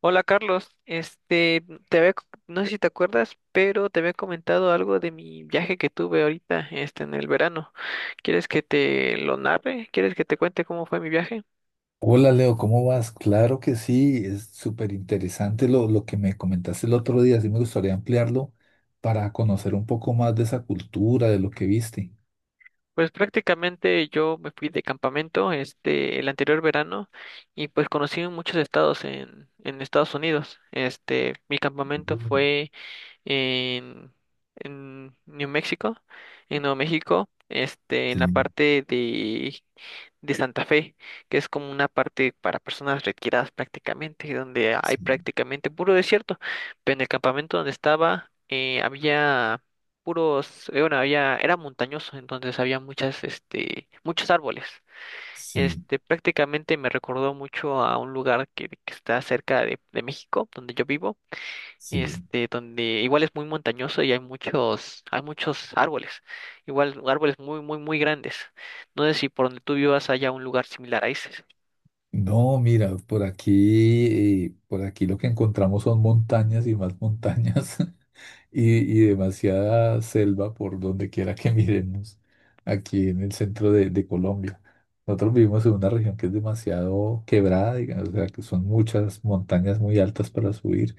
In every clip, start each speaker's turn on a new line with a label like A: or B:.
A: Hola Carlos, te había, no sé si te acuerdas, pero te había comentado algo de mi viaje que tuve ahorita, en el verano. ¿Quieres que te lo narre? ¿Quieres que te cuente cómo fue mi viaje?
B: Hola Leo, ¿cómo vas? Claro que sí, es súper interesante lo que me comentaste el otro día, sí me gustaría ampliarlo para conocer un poco más de esa cultura, de lo que viste.
A: Pues prácticamente yo me fui de campamento, el anterior verano y pues conocí muchos estados en Estados Unidos. Mi campamento
B: Mm.
A: fue en, en New México, en Nuevo México, en
B: Sí,
A: la parte de Santa Fe, que es como una parte para personas retiradas prácticamente, donde hay
B: sí,
A: prácticamente puro desierto. Pero en el campamento donde estaba había puros, bueno, había, era montañoso, entonces había muchas, muchos árboles.
B: sí,
A: Prácticamente me recordó mucho a un lugar que está cerca de México, donde yo vivo
B: sí.
A: donde igual es muy montañoso y hay muchos árboles, igual árboles muy, muy, muy grandes. No sé si por donde tú vivas haya un lugar similar a ese.
B: No, mira, por aquí lo que encontramos son montañas y más montañas. Y, y demasiada selva por donde quiera que miremos aquí en el centro de Colombia. Nosotros vivimos en una región que es demasiado quebrada, digamos, o sea, que son muchas montañas muy altas para subir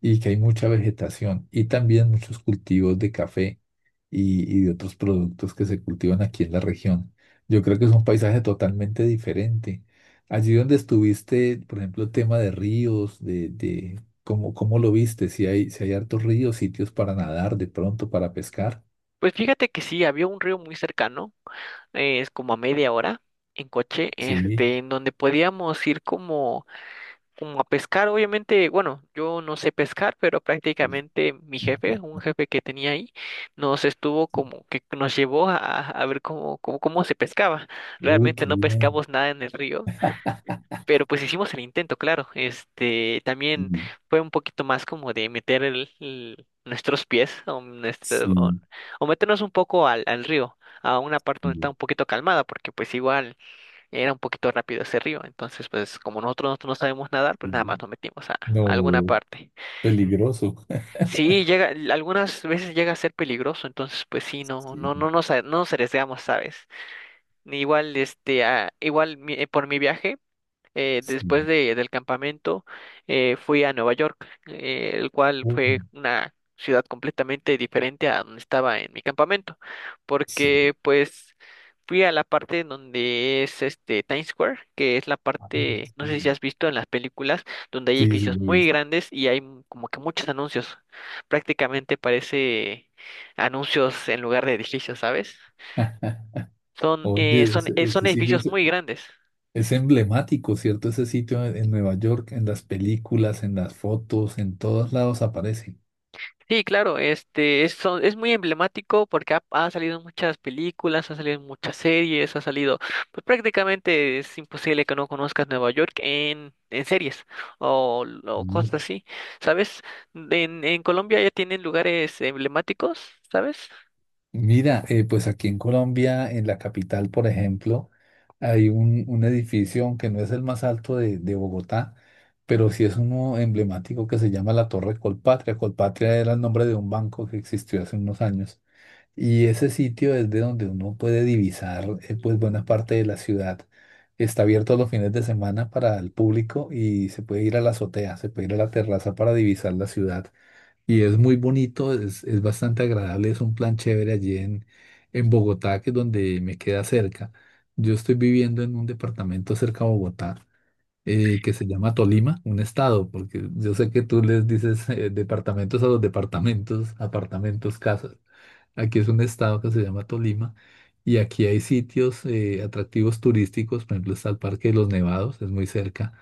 B: y que hay mucha vegetación y también muchos cultivos de café y de otros productos que se cultivan aquí en la región. Yo creo que es un paisaje totalmente diferente. Allí donde estuviste, por ejemplo, el tema de ríos, de cómo, cómo lo viste, si hay, si hay hartos ríos, sitios para nadar de pronto, para pescar.
A: Pues fíjate que sí, había un río muy cercano, es como a media hora en coche,
B: Sí.
A: en donde podíamos ir como, como a pescar. Obviamente, bueno, yo no sé pescar, pero prácticamente mi jefe, un jefe que tenía ahí, nos estuvo como que nos llevó a ver cómo, cómo se pescaba.
B: Uy, qué
A: Realmente no
B: bien.
A: pescamos nada en el río. Pero pues hicimos el intento, claro. Este también fue un poquito más como de meter nuestros pies o,
B: Sí,
A: o meternos un poco al río, a una parte donde está
B: sí,
A: un poquito calmada, porque pues igual era un poquito rápido ese río. Entonces, pues como nosotros no sabemos nadar, pues
B: sí,
A: nada más
B: sí.
A: nos metimos a alguna
B: No,
A: parte. En-
B: peligroso.
A: Sí, llega, algunas veces llega a ser peligroso, entonces pues sí, no,
B: Sí,
A: no nos, no nos arriesgamos, ¿sabes? Igual, ah, igual por mi viaje. Después
B: sí.
A: del campamento fui a Nueva York, el cual
B: Uy,
A: fue una ciudad completamente diferente a donde estaba en mi campamento,
B: sí.
A: porque pues fui a la parte en donde es este Times Square, que es la parte, no sé si
B: Sí,
A: has visto en las películas, donde hay
B: sí, sí,
A: edificios
B: lo he
A: muy
B: visto.
A: grandes y hay como que muchos anuncios, prácticamente parece anuncios en lugar de edificios, ¿sabes? Son,
B: Oye, ese,
A: son
B: ese sitio
A: edificios muy grandes.
B: es emblemático, ¿cierto? Ese sitio en Nueva York, en las películas, en las fotos, en todos lados aparece.
A: Sí, claro, es muy emblemático porque ha salido en muchas películas, ha salido en muchas series, ha salido, pues prácticamente es imposible que no conozcas Nueva York en series o
B: Mm.
A: cosas así, ¿sabes? En Colombia ya tienen lugares emblemáticos, ¿sabes?
B: Mira, pues aquí en Colombia, en la capital, por ejemplo, hay un edificio, aunque no es el más alto de Bogotá, pero sí es uno emblemático que se llama la Torre Colpatria. Colpatria era el nombre de un banco que existió hace unos años. Y ese sitio es de donde uno puede divisar pues buena parte de la ciudad. Está abierto los fines de semana para el público y se puede ir a la azotea, se puede ir a la terraza para divisar la ciudad. Y es muy bonito, es bastante agradable, es un plan chévere allí en Bogotá, que es donde me queda cerca. Yo estoy viviendo en un departamento cerca a Bogotá que se llama Tolima, un estado, porque yo sé que tú les dices departamentos a los departamentos, apartamentos, casas. Aquí es un estado que se llama Tolima y aquí hay sitios atractivos turísticos, por ejemplo está el Parque de los Nevados, es muy cerca.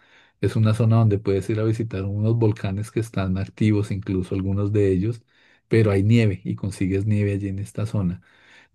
B: Es una zona donde puedes ir a visitar unos volcanes que están activos, incluso algunos de ellos, pero hay nieve y consigues nieve allí en esta zona.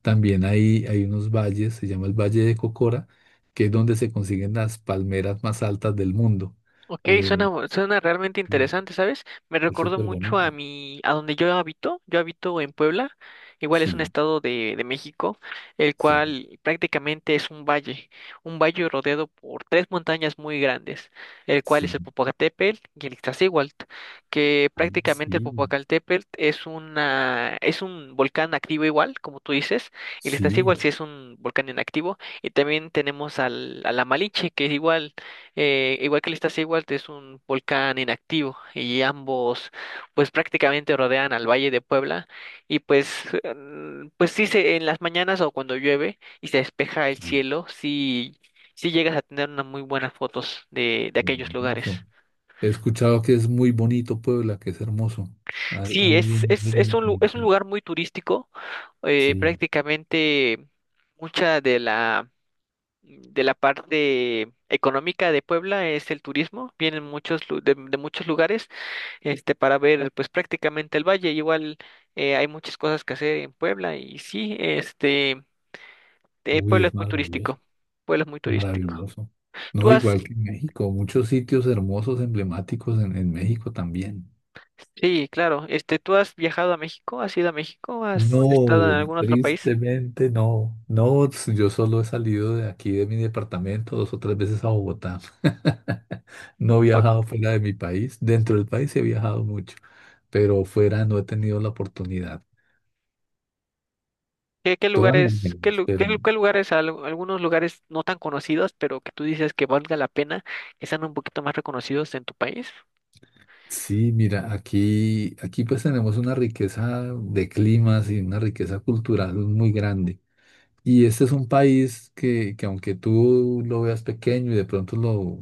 B: También hay unos valles, se llama el Valle de Cocora, que es donde se consiguen las palmeras más altas del mundo.
A: Ok,
B: Eh.
A: suena realmente
B: Mm.
A: interesante, ¿sabes? Me
B: Es
A: recordó
B: súper
A: mucho
B: bonita.
A: a a donde yo habito. Yo habito en Puebla, igual es un
B: Sí,
A: estado de México, el
B: sí,
A: cual prácticamente es un valle rodeado por tres montañas muy grandes, el cual es
B: sí.
A: el Popocatépetl y el Iztaccíhuatl, que
B: Ah,
A: prácticamente el
B: sí,
A: Popocatépetl es un volcán activo igual, como tú dices, y el
B: sí,
A: Iztaccíhuatl sí es un volcán inactivo, y también tenemos a la Malinche, que es igual igual que el Iztaccíhuatl es un volcán inactivo y ambos pues prácticamente rodean al Valle de Puebla y pues pues en las mañanas o cuando llueve y se despeja el
B: sí.
A: cielo sí llegas a tener unas muy buenas fotos de aquellos lugares.
B: Hermoso. He escuchado que es muy bonito Puebla, que es hermoso. Al-
A: Sí,
B: alguien, alguien
A: es
B: me
A: un es un
B: comentó.
A: lugar muy turístico,
B: Sí.
A: prácticamente mucha de la parte económica de Puebla es el turismo, vienen muchos de muchos lugares para ver pues prácticamente el valle. Igual hay muchas cosas que hacer en Puebla y sí,
B: Uy,
A: Puebla
B: es
A: es muy
B: maravilloso,
A: turístico. Puebla es muy turístico.
B: maravilloso. No,
A: ¿Tú has,
B: igual que en México, muchos sitios hermosos, emblemáticos en México también.
A: sí, claro, ¿tú has viajado a México? ¿Has ido a México? ¿Has estado
B: No,
A: en algún otro país?
B: tristemente no. No, yo solo he salido de aquí, de mi departamento, dos o tres veces a Bogotá. No he
A: ¿O
B: viajado fuera de mi país. Dentro del país sí he viajado mucho, pero fuera no he tenido la oportunidad.
A: ¿Qué, qué
B: Todas las
A: lugares, qué,
B: veces,
A: lu- qué,
B: pero
A: lu- qué lugares, algunos lugares no tan conocidos, pero que tú dices que valga la pena, que sean un poquito más reconocidos en tu país?
B: sí, mira, aquí, aquí pues tenemos una riqueza de climas y una riqueza cultural muy grande. Y este es un país que aunque tú lo veas pequeño y de pronto lo,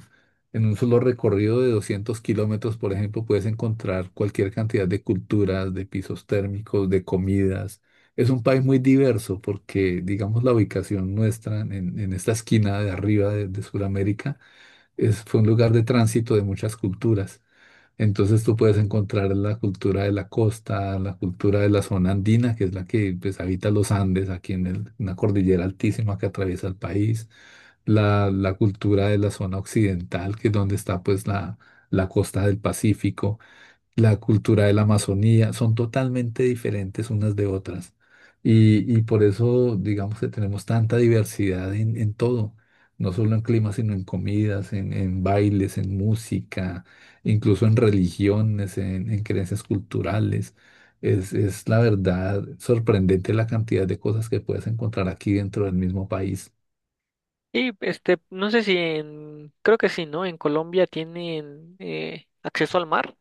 B: en un solo recorrido de 200 kilómetros, por ejemplo, puedes encontrar cualquier cantidad de culturas, de pisos térmicos, de comidas. Es un país muy diverso porque, digamos, la ubicación nuestra en esta esquina de arriba de Sudamérica es, fue un lugar de tránsito de muchas culturas. Entonces tú puedes encontrar la cultura de la costa, la cultura de la zona andina, que es la que pues, habita los Andes, aquí en el- una cordillera altísima que atraviesa el país, la cultura de la zona occidental, que es donde está pues la costa del Pacífico, la cultura de la Amazonía, son totalmente diferentes unas de otras. Y por eso, digamos que tenemos tanta diversidad en todo, no solo en clima, sino en comidas, en bailes, en música, incluso en religiones, en creencias culturales. Es la verdad sorprendente la cantidad de cosas que puedes encontrar aquí dentro del mismo país.
A: Y no sé si en, creo que sí, ¿no? En Colombia tienen acceso al mar,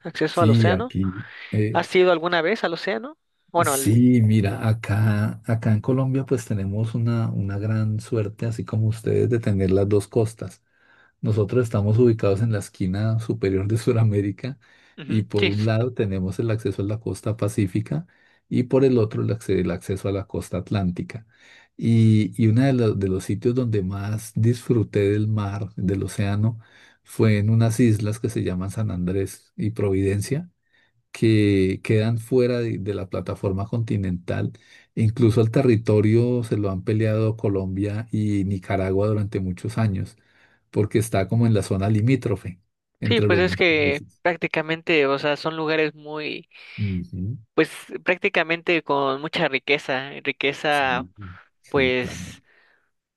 A: acceso al
B: Sí,
A: océano.
B: aquí. Eh.
A: ¿Has ido alguna vez al océano? Bueno, al...
B: Sí, mira, acá, acá en Colombia pues tenemos una gran suerte, así como ustedes, de tener las dos costas. Nosotros estamos ubicados en la esquina superior de Sudamérica y
A: Ujú,
B: por
A: sí,
B: un lado tenemos el acceso a la costa pacífica y por el otro el, acce- el acceso a la costa atlántica. Y uno de los sitios donde más disfruté del mar, del océano, fue en unas islas que se llaman San Andrés y Providencia que quedan fuera de la plataforma continental. Incluso el territorio se lo han peleado Colombia y Nicaragua durante muchos años, porque está como en la zona limítrofe
A: sí,
B: entre
A: pues
B: los
A: es
B: dos
A: que
B: países.
A: prácticamente, o sea, son lugares muy,
B: Ujú.
A: pues prácticamente con mucha riqueza, riqueza,
B: Sí, sí, claro,
A: pues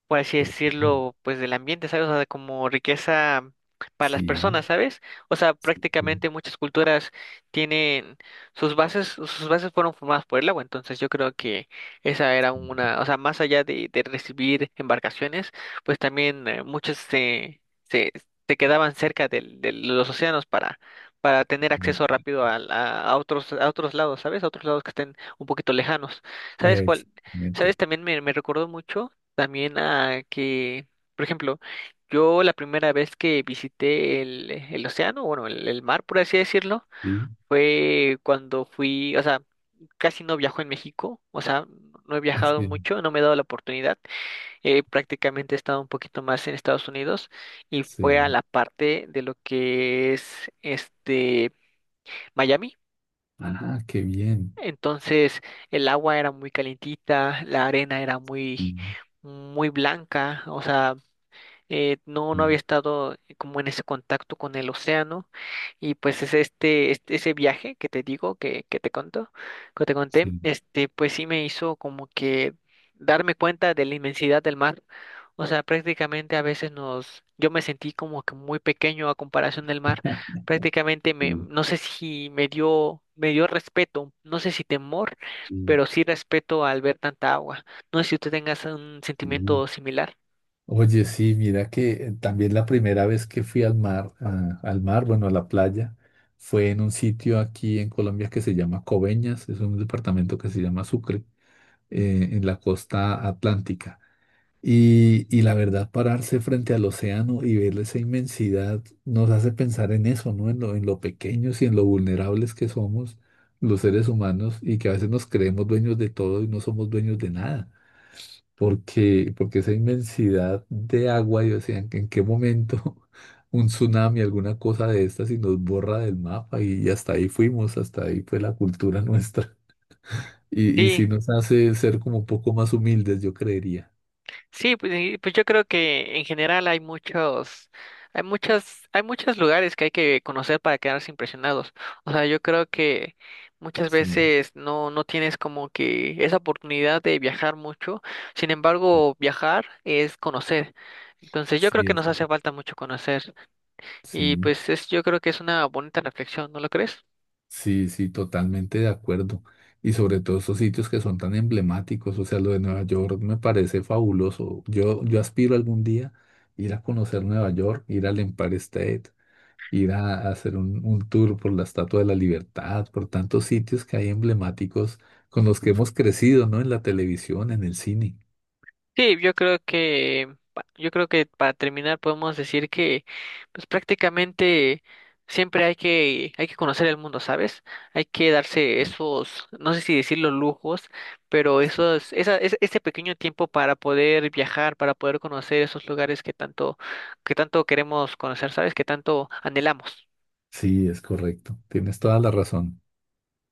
A: por así
B: total.
A: decirlo, pues del ambiente, ¿sabes? O sea, como riqueza para las
B: Sí,
A: personas, ¿sabes? O sea,
B: sí, sí,
A: prácticamente muchas culturas tienen sus bases fueron formadas por el agua, entonces yo creo que esa era
B: sí.
A: una, o sea, más allá de recibir embarcaciones, pues también muchos se, se quedaban cerca los océanos para tener
B: Ve-
A: acceso rápido a otros lados, ¿sabes? A otros lados que estén un poquito lejanos. ¿Sabes cuál? ¿Sabes?
B: exactamente.
A: También me recordó mucho también a que, por ejemplo, yo la primera vez que visité el océano, bueno, el mar, por así decirlo,
B: Sí,
A: fue cuando fui, o sea, casi no viajo en México, o sea, no he viajado
B: sí,
A: mucho, no me he dado la oportunidad, prácticamente he estado un poquito más en Estados Unidos y fue a
B: sí.
A: la parte de lo que es este Miami.
B: Ah, qué bien.
A: Entonces el agua era muy calientita, la arena era
B: Sí,
A: muy, muy blanca, o sea, no, no había
B: sí,
A: estado como en ese contacto con el océano y pues es ese viaje que te digo, que te conto, que te conté,
B: sí.
A: pues sí me hizo como que darme cuenta de la inmensidad del mar. O sea, prácticamente a veces yo me sentí como que muy pequeño a comparación del mar. Prácticamente
B: Sí,
A: no sé si me dio, me dio respeto, no sé si temor, pero sí respeto al ver tanta agua. No sé si usted tenga un
B: sí, sí.
A: sentimiento similar.
B: Oye, sí, mira que también la primera vez que fui al mar, a- al mar, bueno, a la playa, fue en un sitio aquí en Colombia que se llama Coveñas, es un departamento que se llama Sucre, en la costa atlántica. Y la verdad, pararse frente al océano y ver esa inmensidad nos hace pensar en eso, ¿no? En lo pequeños y en lo vulnerables que somos los seres humanos y que a veces nos creemos dueños de todo y no somos dueños de nada porque, porque esa inmensidad de agua, y o sea, ¿en qué momento un tsunami, alguna cosa de estas, y nos borra del mapa? Y hasta ahí fuimos, hasta ahí fue la cultura nuestra. Y sí
A: Sí.
B: nos hace ser como un poco más humildes, yo creería.
A: Sí, pues, pues yo creo que en general hay muchos, hay muchas, hay muchos lugares que hay que conocer para quedarse impresionados. O sea, yo creo que muchas
B: Sí,
A: veces no, no tienes como que esa oportunidad de viajar mucho. Sin
B: sí,
A: embargo, viajar es conocer. Entonces yo creo
B: sí,
A: que
B: es-
A: nos hace falta mucho conocer. Y
B: sí,
A: pues es, yo creo que es una bonita reflexión, ¿no lo crees?
B: sí, sí, totalmente de acuerdo. Y sobre todo esos sitios que son tan emblemáticos, o sea, lo de Nueva York me parece fabuloso. Yo aspiro algún día ir a conocer Nueva York, ir al Empire State, ir a hacer un tour por la Estatua de la Libertad, por tantos sitios que hay emblemáticos con los que hemos crecido, ¿no? En la televisión, en el cine.
A: Sí, yo creo que, yo creo que para terminar podemos decir que, pues prácticamente siempre hay que conocer el mundo, ¿sabes? Hay que darse esos, no sé si decirlo lujos, pero esos, ese pequeño tiempo para poder viajar, para poder conocer esos lugares que tanto queremos conocer, ¿sabes? Que tanto anhelamos.
B: Sí, es correcto. Tienes toda la razón.